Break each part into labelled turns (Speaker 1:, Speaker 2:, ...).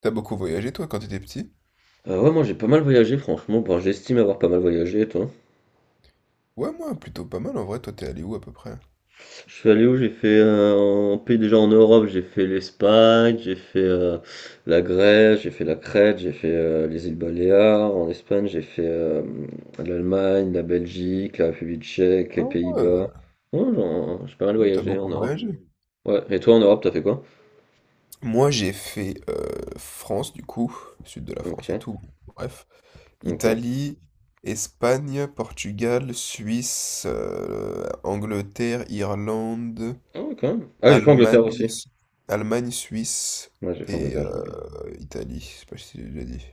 Speaker 1: T'as beaucoup voyagé toi quand t'étais petit?
Speaker 2: Ouais, moi j'ai pas mal voyagé, franchement. Bon, j'estime avoir pas mal voyagé, et toi?
Speaker 1: Ouais, moi plutôt pas mal en vrai. Toi, t'es allé où à peu près?
Speaker 2: Je suis allé où? J'ai fait en pays déjà en Europe, j'ai fait l'Espagne, j'ai fait la Grèce, j'ai fait la Crète, j'ai fait les îles Baléares. En Espagne, j'ai fait l'Allemagne, la Belgique, la République tchèque,
Speaker 1: Ah
Speaker 2: les Pays-Bas.
Speaker 1: ouais,
Speaker 2: Ouais, j'ai pas mal
Speaker 1: donc t'as
Speaker 2: voyagé en
Speaker 1: beaucoup
Speaker 2: Europe.
Speaker 1: voyagé.
Speaker 2: Ouais, et toi en Europe, t'as fait quoi?
Speaker 1: Moi, j'ai fait France du coup, sud de la France et
Speaker 2: Ok,
Speaker 1: tout. Bref,
Speaker 2: ok.
Speaker 1: Italie, Espagne, Portugal, Suisse, Angleterre, Irlande,
Speaker 2: Ah, ouais, quand même. Ah, j'ai fait
Speaker 1: Allemagne,
Speaker 2: Angleterre aussi.
Speaker 1: Allemagne, Suisse
Speaker 2: Ouais, j'ai fait
Speaker 1: et
Speaker 2: Angleterre, j'ai oublié.
Speaker 1: Italie. Je sais pas si j'ai déjà dit.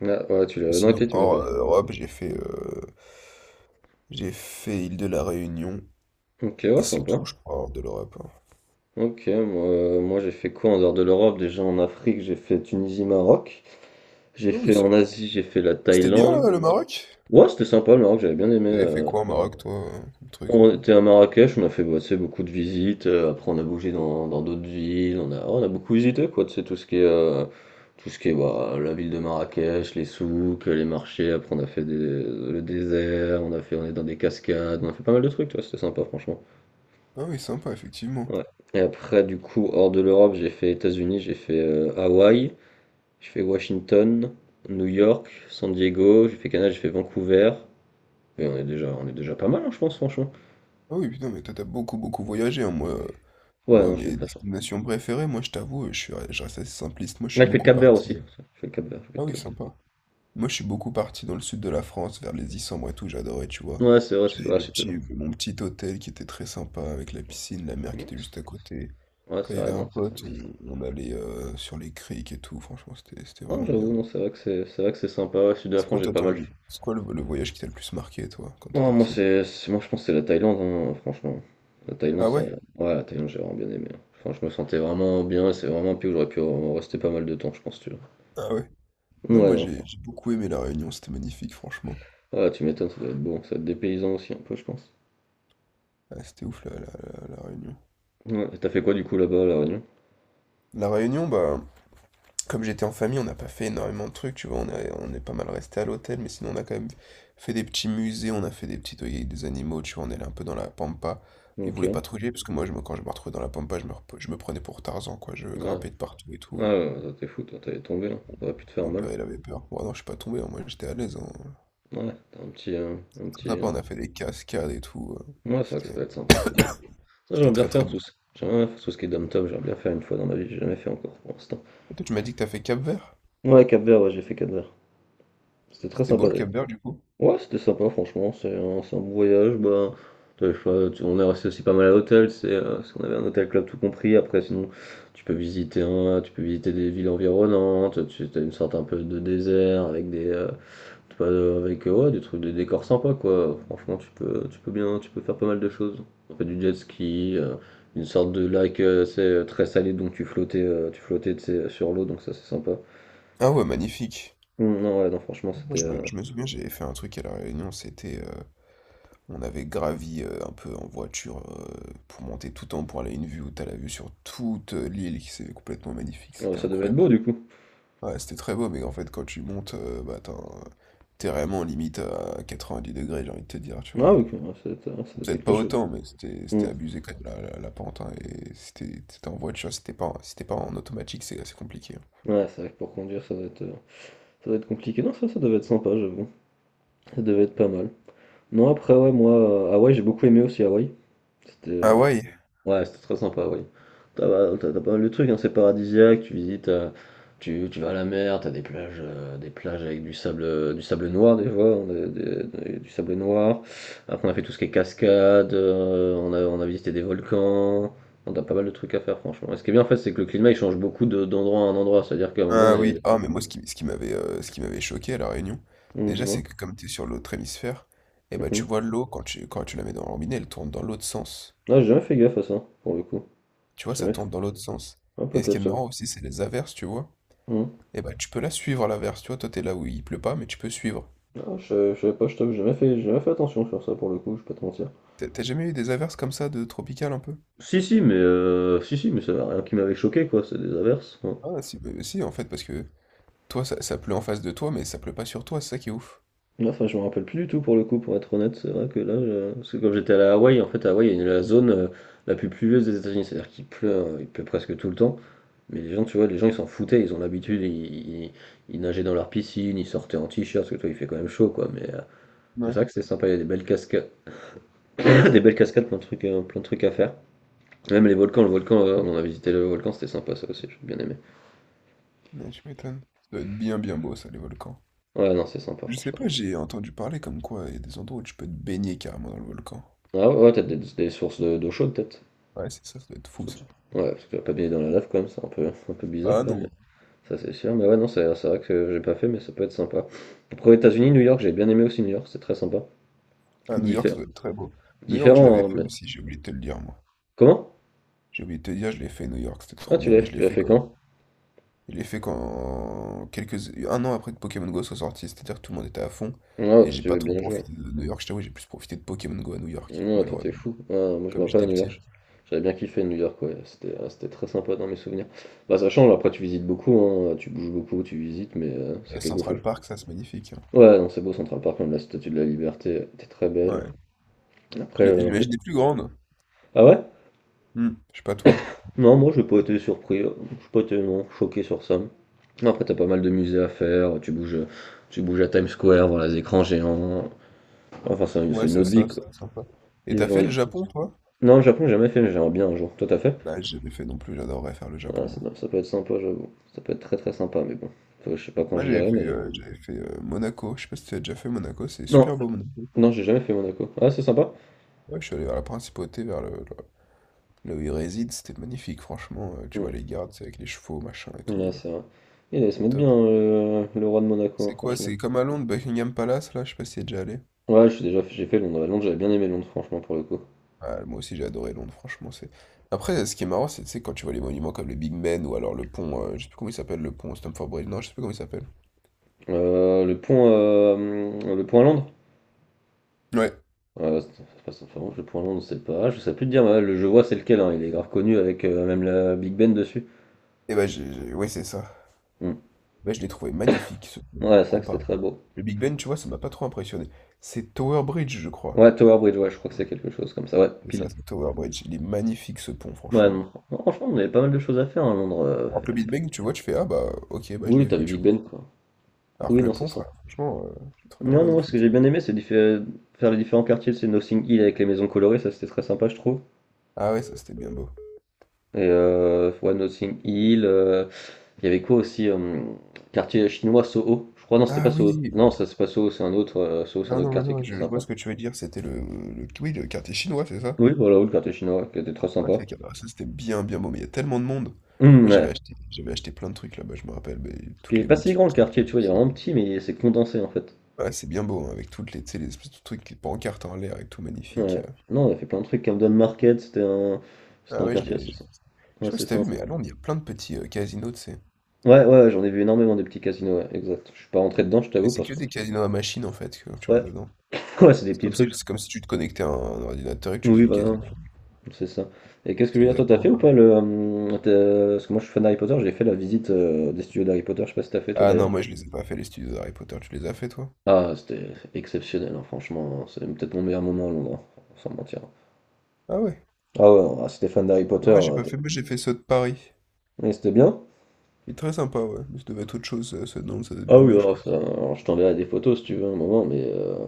Speaker 2: Ah, ouais, tu
Speaker 1: Et
Speaker 2: l'as. Non,
Speaker 1: sinon,
Speaker 2: ok, tu me l'as pas
Speaker 1: hors
Speaker 2: dit.
Speaker 1: Europe, j'ai fait île de la Réunion.
Speaker 2: Ok,
Speaker 1: Et
Speaker 2: ouais,
Speaker 1: c'est tout,
Speaker 2: sympa.
Speaker 1: je crois, hors de l'Europe, hein.
Speaker 2: Ok, moi j'ai fait quoi en dehors de l'Europe? Déjà en Afrique, j'ai fait Tunisie, Maroc. J'ai
Speaker 1: Ah oui,
Speaker 2: fait en Asie, j'ai fait la
Speaker 1: c'était bien
Speaker 2: Thaïlande.
Speaker 1: là, le Maroc?
Speaker 2: Ouais, c'était sympa le Maroc, j'avais bien aimé.
Speaker 1: T'avais fait
Speaker 2: euh.
Speaker 1: quoi au Maroc, toi, comme truc un
Speaker 2: On
Speaker 1: peu?
Speaker 2: était à Marrakech, on a fait bah, tu sais, beaucoup de visites. Après, on a bougé dans d'autres villes. On a beaucoup visité quoi. Tu sais, tout ce qui est bah, la ville de Marrakech, les souks, les marchés. Après, on a fait le désert. On est dans des cascades. On a fait pas mal de trucs. Toi, c'était sympa franchement.
Speaker 1: Ah oui, sympa, effectivement.
Speaker 2: Ouais. Et après, du coup, hors de l'Europe, j'ai fait États-Unis, j'ai fait Hawaï. J'ai fait Washington, New York, San Diego, j'ai fait Canada, j'ai fait Vancouver. Et on est déjà pas mal, hein, je pense, franchement.
Speaker 1: Ah oui, putain, mais toi, t'as beaucoup, beaucoup voyagé, hein, moi.
Speaker 2: Ouais,
Speaker 1: Moi,
Speaker 2: non, j'ai eu
Speaker 1: mes
Speaker 2: de la chance.
Speaker 1: destinations préférées, moi, je t'avoue, je reste assez simpliste. Moi, je suis
Speaker 2: Là, je fais le
Speaker 1: beaucoup
Speaker 2: Cap-Vert aussi.
Speaker 1: parti.
Speaker 2: Je fais le Cap-Vert, je vais
Speaker 1: Ah oui,
Speaker 2: te le dire.
Speaker 1: sympa. Moi, je suis beaucoup parti dans le sud de la France, vers les Issambres et tout, j'adorais, tu vois.
Speaker 2: Ouais, c'est vrai, c'est
Speaker 1: J'avais
Speaker 2: ouais, c'est non,
Speaker 1: mon petit hôtel qui était très sympa, avec la piscine, la mer
Speaker 2: c'est-
Speaker 1: qui était juste à côté.
Speaker 2: ouais,
Speaker 1: Quand
Speaker 2: c'est
Speaker 1: il y avait
Speaker 2: vrai,
Speaker 1: un
Speaker 2: non, c'est ça,
Speaker 1: pote,
Speaker 2: c'est ça.
Speaker 1: on allait sur les criques et tout, franchement, c'était
Speaker 2: Non,
Speaker 1: vraiment bien.
Speaker 2: j'avoue, non, c'est vrai que c'est sympa. Le sud de la
Speaker 1: C'est
Speaker 2: France,
Speaker 1: quoi
Speaker 2: j'ai
Speaker 1: toi
Speaker 2: pas mal
Speaker 1: ton?
Speaker 2: fait.
Speaker 1: C'est quoi le voyage qui t'a le plus marqué toi quand t'étais
Speaker 2: Oh, moi,
Speaker 1: petit?
Speaker 2: moi, je pense que c'est la Thaïlande, hein, franchement. La Thaïlande,
Speaker 1: Ah ouais?
Speaker 2: ouais, la Thaïlande, j'ai vraiment bien aimé. Hein. Enfin, je me sentais vraiment bien et c'est vraiment un pays où j'aurais pu en rester pas mal de temps, je pense, tu vois.
Speaker 1: Ah ouais?
Speaker 2: Ouais,
Speaker 1: Non, moi
Speaker 2: non.
Speaker 1: j'ai beaucoup aimé La Réunion, c'était magnifique franchement.
Speaker 2: Ah, tu m'étonnes, ça doit être bon, ça doit être dépaysant aussi un peu, je pense.
Speaker 1: Ah, c'était ouf la Réunion.
Speaker 2: Ouais, et t'as fait quoi du coup là-bas à La Réunion?
Speaker 1: La Réunion, bah comme j'étais en famille, on n'a pas fait énormément de trucs, tu vois, on est pas mal resté à l'hôtel, mais sinon on a quand même fait des petits musées, on a fait des petits toilettes avec des animaux, tu vois, on est allé un peu dans la pampa. Ils
Speaker 2: Ok.
Speaker 1: voulaient pas patrouiller parce que moi quand je me retrouvais dans la pampa, je me prenais pour Tarzan, quoi, je
Speaker 2: Ouais.
Speaker 1: grimpais de partout et
Speaker 2: Ah,
Speaker 1: tout.
Speaker 2: ouais, ouais, t'es fou, toi, t'es tombé, hein. T'aurais pu te faire
Speaker 1: Mon
Speaker 2: mal.
Speaker 1: père il avait peur. Bon, non, je suis pas tombé, hein, moi j'étais à l'aise, hein.
Speaker 2: Ouais, t'as un petit, un petit
Speaker 1: Après,
Speaker 2: euh,
Speaker 1: on a fait des cascades et tout.
Speaker 2: Ouais, c'est vrai que ça doit
Speaker 1: C'était,
Speaker 2: être sympa. J'aimerais
Speaker 1: c'était
Speaker 2: bien
Speaker 1: très très
Speaker 2: faire
Speaker 1: beau.
Speaker 2: tout ça. J'aimerais bien faire tout ce qui est dom-tom, j'aimerais bien faire une fois dans ma vie, j'ai jamais fait encore pour l'instant.
Speaker 1: Et toi, tu m'as dit que t'as fait Cap-Vert?
Speaker 2: Ouais, Cap-Vert, ouais, j'ai fait Cap-Vert. C'était très
Speaker 1: C'était beau
Speaker 2: sympa.
Speaker 1: le Cap-Vert du coup?
Speaker 2: Ouais, c'était sympa, franchement, c'est un bon voyage. Bah, t'as le choix, on est resté aussi pas mal à l'hôtel, c'est parce qu'on avait un hôtel club tout compris. Après, sinon, tu peux visiter des villes environnantes, tu as une sorte un peu de désert avec des, tu peux, avec ouais, des trucs, des décors sympas quoi. Franchement, tu peux faire pas mal de choses. On fait du jet ski, une sorte de lac, c'est très salé, donc tu flottais, tu sais, sur l'eau, donc ça c'est sympa.
Speaker 1: Ah ouais, magnifique.
Speaker 2: Non, ouais, non, franchement,
Speaker 1: Moi,
Speaker 2: c'était,
Speaker 1: je me,
Speaker 2: euh,
Speaker 1: je me souviens, j'avais fait un truc à La Réunion. C'était, on avait gravi un peu en voiture pour monter tout en haut pour aller à une vue où t'as la vue sur toute l'île qui c'est complètement magnifique.
Speaker 2: euh,
Speaker 1: C'était
Speaker 2: ça devait être
Speaker 1: incroyable.
Speaker 2: beau du coup.
Speaker 1: Ouais, c'était très beau, mais en fait, quand tu montes, bah, t'es vraiment limite à 90 degrés, j'ai envie de te dire, tu vois.
Speaker 2: Ah, ok, ouais, ça doit être
Speaker 1: Peut-être
Speaker 2: quelque
Speaker 1: pas
Speaker 2: chose.
Speaker 1: autant, mais c'était
Speaker 2: Mm.
Speaker 1: c'était abusé quand même la pente, hein, et c'était en voiture, c'était pas, si pas en automatique, c'est assez compliqué, hein.
Speaker 2: Ouais, c'est vrai que pour conduire, ça doit être compliqué. Non, ça devait être sympa, j'avoue. Ça devait être pas mal. Non, après, ouais, moi, Hawaï, j'ai beaucoup aimé aussi Hawaï. C'était,
Speaker 1: Ah
Speaker 2: c'était-
Speaker 1: ouais?
Speaker 2: ouais, c'était très sympa, Hawaï. T'as bah, t'as pas mal de trucs, hein, c'est paradisiaque, tu visites. Tu vas à la mer, t'as des plages avec du sable noir, des fois, hein, du sable noir. Après, on a fait tout ce qui est cascade, on a visité des volcans, on a pas mal de trucs à faire, franchement. Et ce qui est bien, en fait, c'est que le climat, il change beaucoup d'endroit à un endroit, c'est-à-dire qu'à un moment, on
Speaker 1: Ah oui.
Speaker 2: est.
Speaker 1: Ah mais moi ce qui m'avait choqué à La Réunion, déjà
Speaker 2: Dis-moi.
Speaker 1: c'est que comme t'es sur l'autre hémisphère, et bah tu
Speaker 2: Mhm.
Speaker 1: vois l'eau quand tu la mets dans le robinet, elle tourne dans l'autre sens.
Speaker 2: Ah, j'ai jamais fait gaffe à ça, pour le coup.
Speaker 1: Tu vois,
Speaker 2: J'ai
Speaker 1: ça
Speaker 2: jamais fait.
Speaker 1: tourne dans l'autre sens.
Speaker 2: Ah,
Speaker 1: Et ce
Speaker 2: peut-être
Speaker 1: qui est marrant aussi, c'est les averses, tu vois.
Speaker 2: ça.
Speaker 1: Et bah tu peux la suivre à l'averse, tu vois, toi t'es là où il pleut pas, mais tu peux suivre.
Speaker 2: Non, je savais pas, je t'avoue, j'ai jamais fait attention sur ça pour le coup, je vais pas te mentir.
Speaker 1: T'as jamais eu des averses comme ça de tropicales un peu?
Speaker 2: Si, si, mais, si, si, mais ça n'a rien qui m'avait choqué, quoi, c'est des averses, hein.
Speaker 1: Ah si, bah, si, en fait, parce que toi, ça pleut en face de toi, mais ça pleut pas sur toi, c'est ça qui est ouf.
Speaker 2: Enfin, je me rappelle plus du tout pour le coup, pour être honnête, c'est vrai que là. Parce que quand j'étais allé à la Hawaï, en fait, à Hawaï, il y a la zone la plus pluvieuse des États-Unis, c'est-à-dire qu'il pleut, hein, il pleut presque tout le temps. Mais les gens, tu vois, les gens, ils s'en foutaient, ils ont l'habitude, ils nageaient dans leur piscine, ils sortaient en t-shirt, parce que toi, il fait quand même chaud, quoi. Mais c'est
Speaker 1: Ouais,
Speaker 2: vrai que c'est sympa, il y a des belles cascades, des belles cascades, plein de trucs à faire. Même les volcans, on a visité le volcan, c'était sympa ça aussi, j'ai bien aimé.
Speaker 1: ouais, tu m'étonnes. Ça doit être bien, bien beau, ça, les volcans.
Speaker 2: Ouais, non, c'est sympa,
Speaker 1: Je sais
Speaker 2: franchement.
Speaker 1: pas, j'ai entendu parler comme quoi il y a des endroits où tu peux te baigner carrément dans le volcan.
Speaker 2: Ah, ouais, ouais, peut-être des sources d'eau chaude, peut-être.
Speaker 1: Ouais, c'est ça, ça doit être fou, ça.
Speaker 2: Ouais, parce que tu vas pas baigner dans la lave quand même, c'est un peu, un peu bizarre
Speaker 1: Ah
Speaker 2: quand même.
Speaker 1: non,
Speaker 2: Ça, c'est sûr, mais ouais, non, c'est vrai que j'ai pas fait, mais ça peut être sympa. Après, aux États-Unis, New York, j'ai bien aimé aussi New York, c'est très sympa.
Speaker 1: à New York, ça
Speaker 2: Diffé-
Speaker 1: doit être très beau. New York, je l'avais
Speaker 2: Différent, hein,
Speaker 1: fait
Speaker 2: mais.
Speaker 1: aussi, j'ai oublié de te le dire, moi.
Speaker 2: Comment?
Speaker 1: J'ai oublié de te dire, je l'ai fait, New York, c'était
Speaker 2: Ah,
Speaker 1: trop
Speaker 2: tu
Speaker 1: bien,
Speaker 2: l'as
Speaker 1: mais
Speaker 2: fait,
Speaker 1: je
Speaker 2: tu
Speaker 1: l'ai
Speaker 2: l'as
Speaker 1: fait
Speaker 2: fait
Speaker 1: quoi?
Speaker 2: quand?
Speaker 1: Je l'ai fait un an après que Pokémon Go soit sorti, c'est-à-dire que tout le monde était à fond,
Speaker 2: Ah,
Speaker 1: et
Speaker 2: toi,
Speaker 1: j'ai
Speaker 2: tu
Speaker 1: pas
Speaker 2: veux
Speaker 1: trop
Speaker 2: bien jouer.
Speaker 1: profité de New York, je t'avoue, j'ai plus profité de Pokémon Go à New York,
Speaker 2: Ouais, toi t'es
Speaker 1: malheureusement.
Speaker 2: fou. Ah, moi je me
Speaker 1: Comme
Speaker 2: rappelle à
Speaker 1: j'étais
Speaker 2: New
Speaker 1: petit.
Speaker 2: York. J'avais bien kiffé New York, ouais. C'était très sympa dans mes souvenirs. Bah, ça change, après tu visites beaucoup, hein. Tu bouges beaucoup, tu visites, mais
Speaker 1: Et
Speaker 2: c'est
Speaker 1: à
Speaker 2: quelque chose.
Speaker 1: Central Park, ça, c'est magnifique, hein.
Speaker 2: Ouais, non, c'est beau Central Park, même la Statue de la Liberté était très belle.
Speaker 1: Ouais.
Speaker 2: Après,
Speaker 1: Je
Speaker 2: l'Empire.
Speaker 1: l'imaginais plus grande.
Speaker 2: Ah, ouais?
Speaker 1: Je sais pas toi.
Speaker 2: Non, moi j'ai pas été surpris, j'ai pas été non, choqué sur ça. Non, après t'as pas mal de musées à faire, tu bouges à Times Square, voir les écrans géants. Enfin, c'est
Speaker 1: Ouais,
Speaker 2: c'est une
Speaker 1: c'est
Speaker 2: autre vie,
Speaker 1: ça,
Speaker 2: quoi.
Speaker 1: c'était sympa. Et
Speaker 2: Les
Speaker 1: t'as
Speaker 2: gens
Speaker 1: fait
Speaker 2: y.
Speaker 1: le Japon, toi?
Speaker 2: Non, le Japon, j'ai jamais fait, mais j'aimerais bien un jour. Toi, t'as fait?
Speaker 1: Bah, j'avais fait non plus, j'adorerais faire le Japon,
Speaker 2: Ah, ça,
Speaker 1: moi.
Speaker 2: ça peut être sympa, j'avoue. Ça peut être très très sympa, mais bon. Je sais pas quand
Speaker 1: Moi,
Speaker 2: j'irai, mais.
Speaker 1: j'avais fait Monaco. Je sais pas si tu as déjà fait Monaco, c'est
Speaker 2: Non,
Speaker 1: super beau, Monaco.
Speaker 2: non, j'ai jamais fait Monaco. Ah, c'est sympa.
Speaker 1: Ouais, je suis allé vers la principauté, vers là où ils résident, c'était magnifique, franchement. Tu vois
Speaker 2: Mm.
Speaker 1: les gardes, c'est avec les chevaux, machin et tout.
Speaker 2: Ouais,
Speaker 1: euh,
Speaker 2: c'est vrai. Il allait se
Speaker 1: c'est
Speaker 2: mettre bien,
Speaker 1: top.
Speaker 2: le roi de Monaco, hein,
Speaker 1: C'est quoi?
Speaker 2: franchement.
Speaker 1: C'est comme à Londres, Buckingham Palace, là, je sais pas si t'y es déjà allé.
Speaker 2: Ouais, j'ai fait Londres. Londres, j'avais bien aimé Londres, franchement, pour le coup.
Speaker 1: Ah, moi aussi j'ai adoré Londres, franchement c'est. Après, ce qui est marrant, c'est tu sais, quand tu vois les monuments comme le Big Ben ou alors le pont, je sais plus comment il s'appelle, le pont Stamford Bridge, non, je sais plus comment il s'appelle.
Speaker 2: Le pont à Londres.
Speaker 1: Ouais.
Speaker 2: C'est pas ça, enfin, le pont à Londres, c'est pas. Je sais plus te dire, mais ouais, je vois c'est lequel, hein, il est grave connu avec même la Big Ben dessus.
Speaker 1: Et bah ouais c'est ça.
Speaker 2: Mm.
Speaker 1: Bah, je l'ai trouvé magnifique ce pont,
Speaker 2: Ouais, ça, que c'était
Speaker 1: comparé.
Speaker 2: très beau.
Speaker 1: Le Big Ben, tu vois, ça m'a pas trop impressionné. C'est Tower Bridge, je crois.
Speaker 2: Ouais, Tower Bridge, ouais, je crois que c'est quelque chose comme ça. Ouais,
Speaker 1: C'est ça,
Speaker 2: pile.
Speaker 1: c'est Tower Bridge. Il est magnifique ce pont,
Speaker 2: Ouais,
Speaker 1: franchement.
Speaker 2: non, non, franchement, on avait pas mal de choses à faire, hein, à Londres.
Speaker 1: Alors que le Big Ben, tu vois, tu fais ah bah ok, bah je
Speaker 2: Oui,
Speaker 1: l'ai
Speaker 2: t'as
Speaker 1: vu,
Speaker 2: vu
Speaker 1: tu
Speaker 2: Big
Speaker 1: vois.
Speaker 2: Ben, quoi.
Speaker 1: Alors
Speaker 2: Oui,
Speaker 1: que le
Speaker 2: non, c'est
Speaker 1: pont,
Speaker 2: ça.
Speaker 1: frère, franchement, je le trouvais
Speaker 2: Non,
Speaker 1: vraiment
Speaker 2: non, moi, ce que
Speaker 1: magnifique.
Speaker 2: j'ai bien aimé, faire les différents quartiers. C'est Notting Hill avec les maisons colorées, ça c'était très sympa, je trouve.
Speaker 1: Ah ouais, ça c'était bien beau.
Speaker 2: Et ouais, Notting Hill. Il y avait quoi aussi. Quartier chinois Soho. Je crois, non, c'était pas
Speaker 1: Ah oui,
Speaker 2: Soho. Non, ça c'est pas Soho, c'est un autre. Soho, c'est un
Speaker 1: non,
Speaker 2: autre
Speaker 1: non, mais
Speaker 2: quartier qui
Speaker 1: non,
Speaker 2: était
Speaker 1: je
Speaker 2: sympa.
Speaker 1: vois ce que tu veux dire. C'était le kiwi, le quartier chinois, c'est ça?
Speaker 2: Oui, voilà, oui, le quartier chinois qui était très
Speaker 1: Ouais,
Speaker 2: sympa.
Speaker 1: ça c'était bien, bien beau, mais il y a tellement de monde. Moi, j'avais
Speaker 2: Ouais.
Speaker 1: acheté, j'avais acheté plein de trucs là-bas, je me rappelle, mais
Speaker 2: Qui
Speaker 1: toutes
Speaker 2: est
Speaker 1: les
Speaker 2: pas si
Speaker 1: boutiques
Speaker 2: grand le
Speaker 1: qu'il y a,
Speaker 2: quartier, tu vois,
Speaker 1: tout
Speaker 2: il est
Speaker 1: ça.
Speaker 2: vraiment petit, mais c'est condensé en fait.
Speaker 1: Ouais, c'est bien beau, hein, avec toutes les, tu sais, les espèces de trucs, les pancartes en l'air et tout, magnifique.
Speaker 2: Ouais.
Speaker 1: euh.
Speaker 2: Non, on a fait plein de trucs. Camden Market, c'était
Speaker 1: Ah
Speaker 2: un
Speaker 1: ouais, je
Speaker 2: quartier
Speaker 1: l'ai.
Speaker 2: assez
Speaker 1: Je,
Speaker 2: sympa.
Speaker 1: je
Speaker 2: Ouais,
Speaker 1: sais pas
Speaker 2: c'est
Speaker 1: si t'as vu,
Speaker 2: sympa.
Speaker 1: mais à Londres, il y a plein de petits casinos, tu sais.
Speaker 2: Ouais, ouais, j'en ai vu énormément des petits casinos, ouais, exact. Je suis pas rentré dedans, je
Speaker 1: Mais
Speaker 2: t'avoue,
Speaker 1: c'est
Speaker 2: parce
Speaker 1: que
Speaker 2: que.
Speaker 1: des casinos à machine, en fait, que tu
Speaker 2: Ouais,
Speaker 1: rentres dedans.
Speaker 2: ouais, c'est des petits trucs.
Speaker 1: C'est comme si tu te connectais à un ordinateur et que tu faisais
Speaker 2: Oui,
Speaker 1: du
Speaker 2: voilà,
Speaker 1: casino.
Speaker 2: c'est ça. Et qu'est-ce que je
Speaker 1: C'est
Speaker 2: veux dire, toi, t'as
Speaker 1: exactement
Speaker 2: fait ou pas
Speaker 1: pareil.
Speaker 2: le? Parce que moi, je suis fan d'Harry Potter, j'ai fait la visite des studios d'Harry Potter, je sais pas si t'as fait, toi,
Speaker 1: Ah
Speaker 2: d'ailleurs.
Speaker 1: non, moi, je les ai pas fait, les studios d'Harry Potter, tu les as fait, toi?
Speaker 2: Ah, c'était exceptionnel, hein, franchement. C'est peut-être mon meilleur moment à Londres, hein, sans mentir.
Speaker 1: Ah ouais.
Speaker 2: Ah, ouais, ah, si t'es fan d'Harry Potter,
Speaker 1: Non, ouais, j'ai pas fait, mais j'ai fait ceux de Paris.
Speaker 2: et c'était bien?
Speaker 1: Il est très sympa, ouais. Mais ça devait être autre chose, ceux de Nantes, ça doit être
Speaker 2: Ah,
Speaker 1: bien
Speaker 2: oui,
Speaker 1: mieux, je
Speaker 2: alors, ça,
Speaker 1: pense.
Speaker 2: alors, je t'enverrai des photos si tu veux un moment, mais.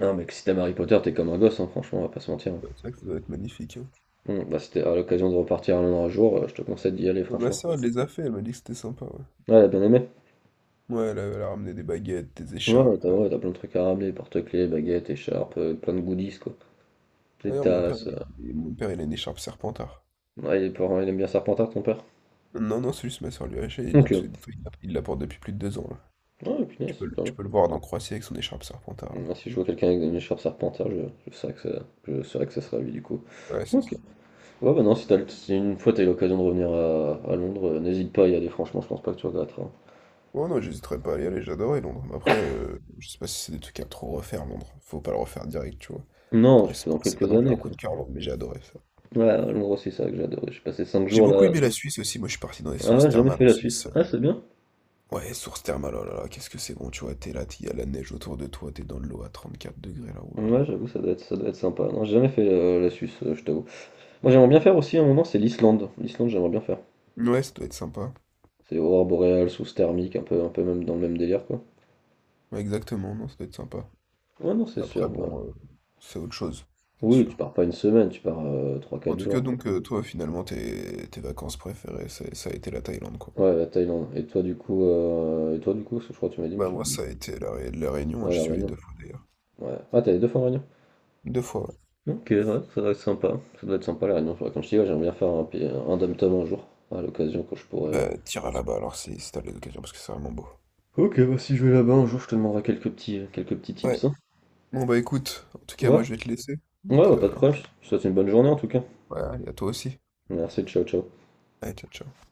Speaker 2: Non, mais que si t'aimes Harry Potter, t'es comme un gosse, hein, franchement, on va pas se mentir.
Speaker 1: Ouais, c'est vrai que ça doit être magnifique, hein.
Speaker 2: Bon, bah, c'était à l'occasion de repartir à Londres un jour, je te conseille d'y aller,
Speaker 1: Ouais, ma
Speaker 2: franchement.
Speaker 1: soeur, elle les a fait, elle m'a dit que c'était sympa, ouais.
Speaker 2: Ouais, elle a bien aimé.
Speaker 1: Ouais, elle a ramené des baguettes, des
Speaker 2: Ouais, ouais,
Speaker 1: écharpes. euh.
Speaker 2: t'as plein de trucs à ramener, porte-clés, baguettes, écharpes, plein de goodies, quoi. Des
Speaker 1: D'ailleurs,
Speaker 2: tasses. euh.
Speaker 1: mon père, il a une écharpe Serpentard.
Speaker 2: Ouais, il, est pas- il aime bien Serpentard, ton père.
Speaker 1: Non, non, c'est juste ma soeur lui a acheté, il dit,
Speaker 2: Ok.
Speaker 1: dis il la porte depuis plus de 2 ans, là.
Speaker 2: Ouais, punaise, quand
Speaker 1: Tu
Speaker 2: même.
Speaker 1: peux le voir dans Croatie avec son écharpe Serpentard.
Speaker 2: Moi, si je vois quelqu'un avec une écharpe Serpentard, je saurais je saurais que ça serait lui, du coup.
Speaker 1: Ouais, ouais, c'est
Speaker 2: Ok.
Speaker 1: ça.
Speaker 2: Ouais, bah, non, si, si une fois t'as eu l'occasion de revenir à Londres, n'hésite pas à y aller, franchement, je pense pas que tu regretteras.
Speaker 1: Ouais, non, j'hésiterais pas à y aller, j'adorais Londres. Mais après, je sais pas si c'est des trucs à trop refaire, Londres. Faut pas le refaire direct, tu vois.
Speaker 2: Non, tu
Speaker 1: Ouais, c'est
Speaker 2: fais dans
Speaker 1: pas, c'est pas
Speaker 2: quelques
Speaker 1: non plus
Speaker 2: années,
Speaker 1: un
Speaker 2: quoi.
Speaker 1: coup de cœur, mais j'ai adoré ça.
Speaker 2: Ouais, ouais, l'endroit c'est ça que j'adorais. J'ai passé 5
Speaker 1: J'ai
Speaker 2: jours
Speaker 1: beaucoup
Speaker 2: là.
Speaker 1: aimé la Suisse aussi, moi je suis parti dans les
Speaker 2: Ah,
Speaker 1: sources
Speaker 2: ouais, j'ai jamais
Speaker 1: thermales
Speaker 2: fait
Speaker 1: en
Speaker 2: la Suisse.
Speaker 1: Suisse.
Speaker 2: Ah, c'est bien.
Speaker 1: Ouais, sources thermales, oh là là, qu'est-ce que c'est bon, tu vois, t'es là, il y a la neige autour de toi, t'es dans de l'eau à 34 degrés là, oh là
Speaker 2: Ouais, j'avoue, ça doit être sympa. Non, j'ai jamais fait la Suisse, je t'avoue. Moi, j'aimerais bien faire aussi à un moment, c'est l'Islande. L'Islande, j'aimerais bien faire.
Speaker 1: là. Ouais, ça doit être sympa.
Speaker 2: C'est aurore boréale, sous thermique, un peu même dans le même délire, quoi.
Speaker 1: Ouais, exactement, non, ça doit être sympa.
Speaker 2: Ouais, non, c'est sûr.
Speaker 1: Après,
Speaker 2: ouais.
Speaker 1: bon, c'est autre chose, c'est
Speaker 2: Oui, tu
Speaker 1: sûr.
Speaker 2: pars pas une semaine, tu pars trois
Speaker 1: En
Speaker 2: quatre
Speaker 1: tout cas,
Speaker 2: jours, quoi.
Speaker 1: donc, toi, finalement, tes vacances préférées, ça a été la Thaïlande, quoi.
Speaker 2: Ouais, la Thaïlande. Et toi, du coup, parce que je crois que tu m'as dit, mais
Speaker 1: Bah,
Speaker 2: j'ai
Speaker 1: moi,
Speaker 2: oublié.
Speaker 1: ça a été la Réunion, hein,
Speaker 2: Ouais,
Speaker 1: j'y
Speaker 2: la
Speaker 1: suis allé
Speaker 2: Réunion.
Speaker 1: deux fois d'ailleurs.
Speaker 2: Ouais. Ah, t'es allé 2 fois en Réunion?
Speaker 1: Deux fois, ouais.
Speaker 2: Ok, ouais, ça doit être sympa. Ça doit être sympa la Réunion. Comme je dis, ouais, j'aimerais bien faire un dom un jour, à l'occasion quand je pourrais.
Speaker 1: Bah, t'iras là-bas alors si t'as l'occasion, parce que c'est vraiment beau.
Speaker 2: Ok, bah, si je vais là-bas un jour, je te demanderai quelques petits
Speaker 1: Ouais.
Speaker 2: tips, hein.
Speaker 1: Bon bah écoute, en tout cas
Speaker 2: Ouais,
Speaker 1: moi je vais te laisser.
Speaker 2: ouais,
Speaker 1: Donc
Speaker 2: bah, pas de problème. Je te souhaite une bonne journée en tout cas.
Speaker 1: ouais, allez à toi aussi.
Speaker 2: Merci, ciao, ciao.
Speaker 1: Allez, ciao ciao.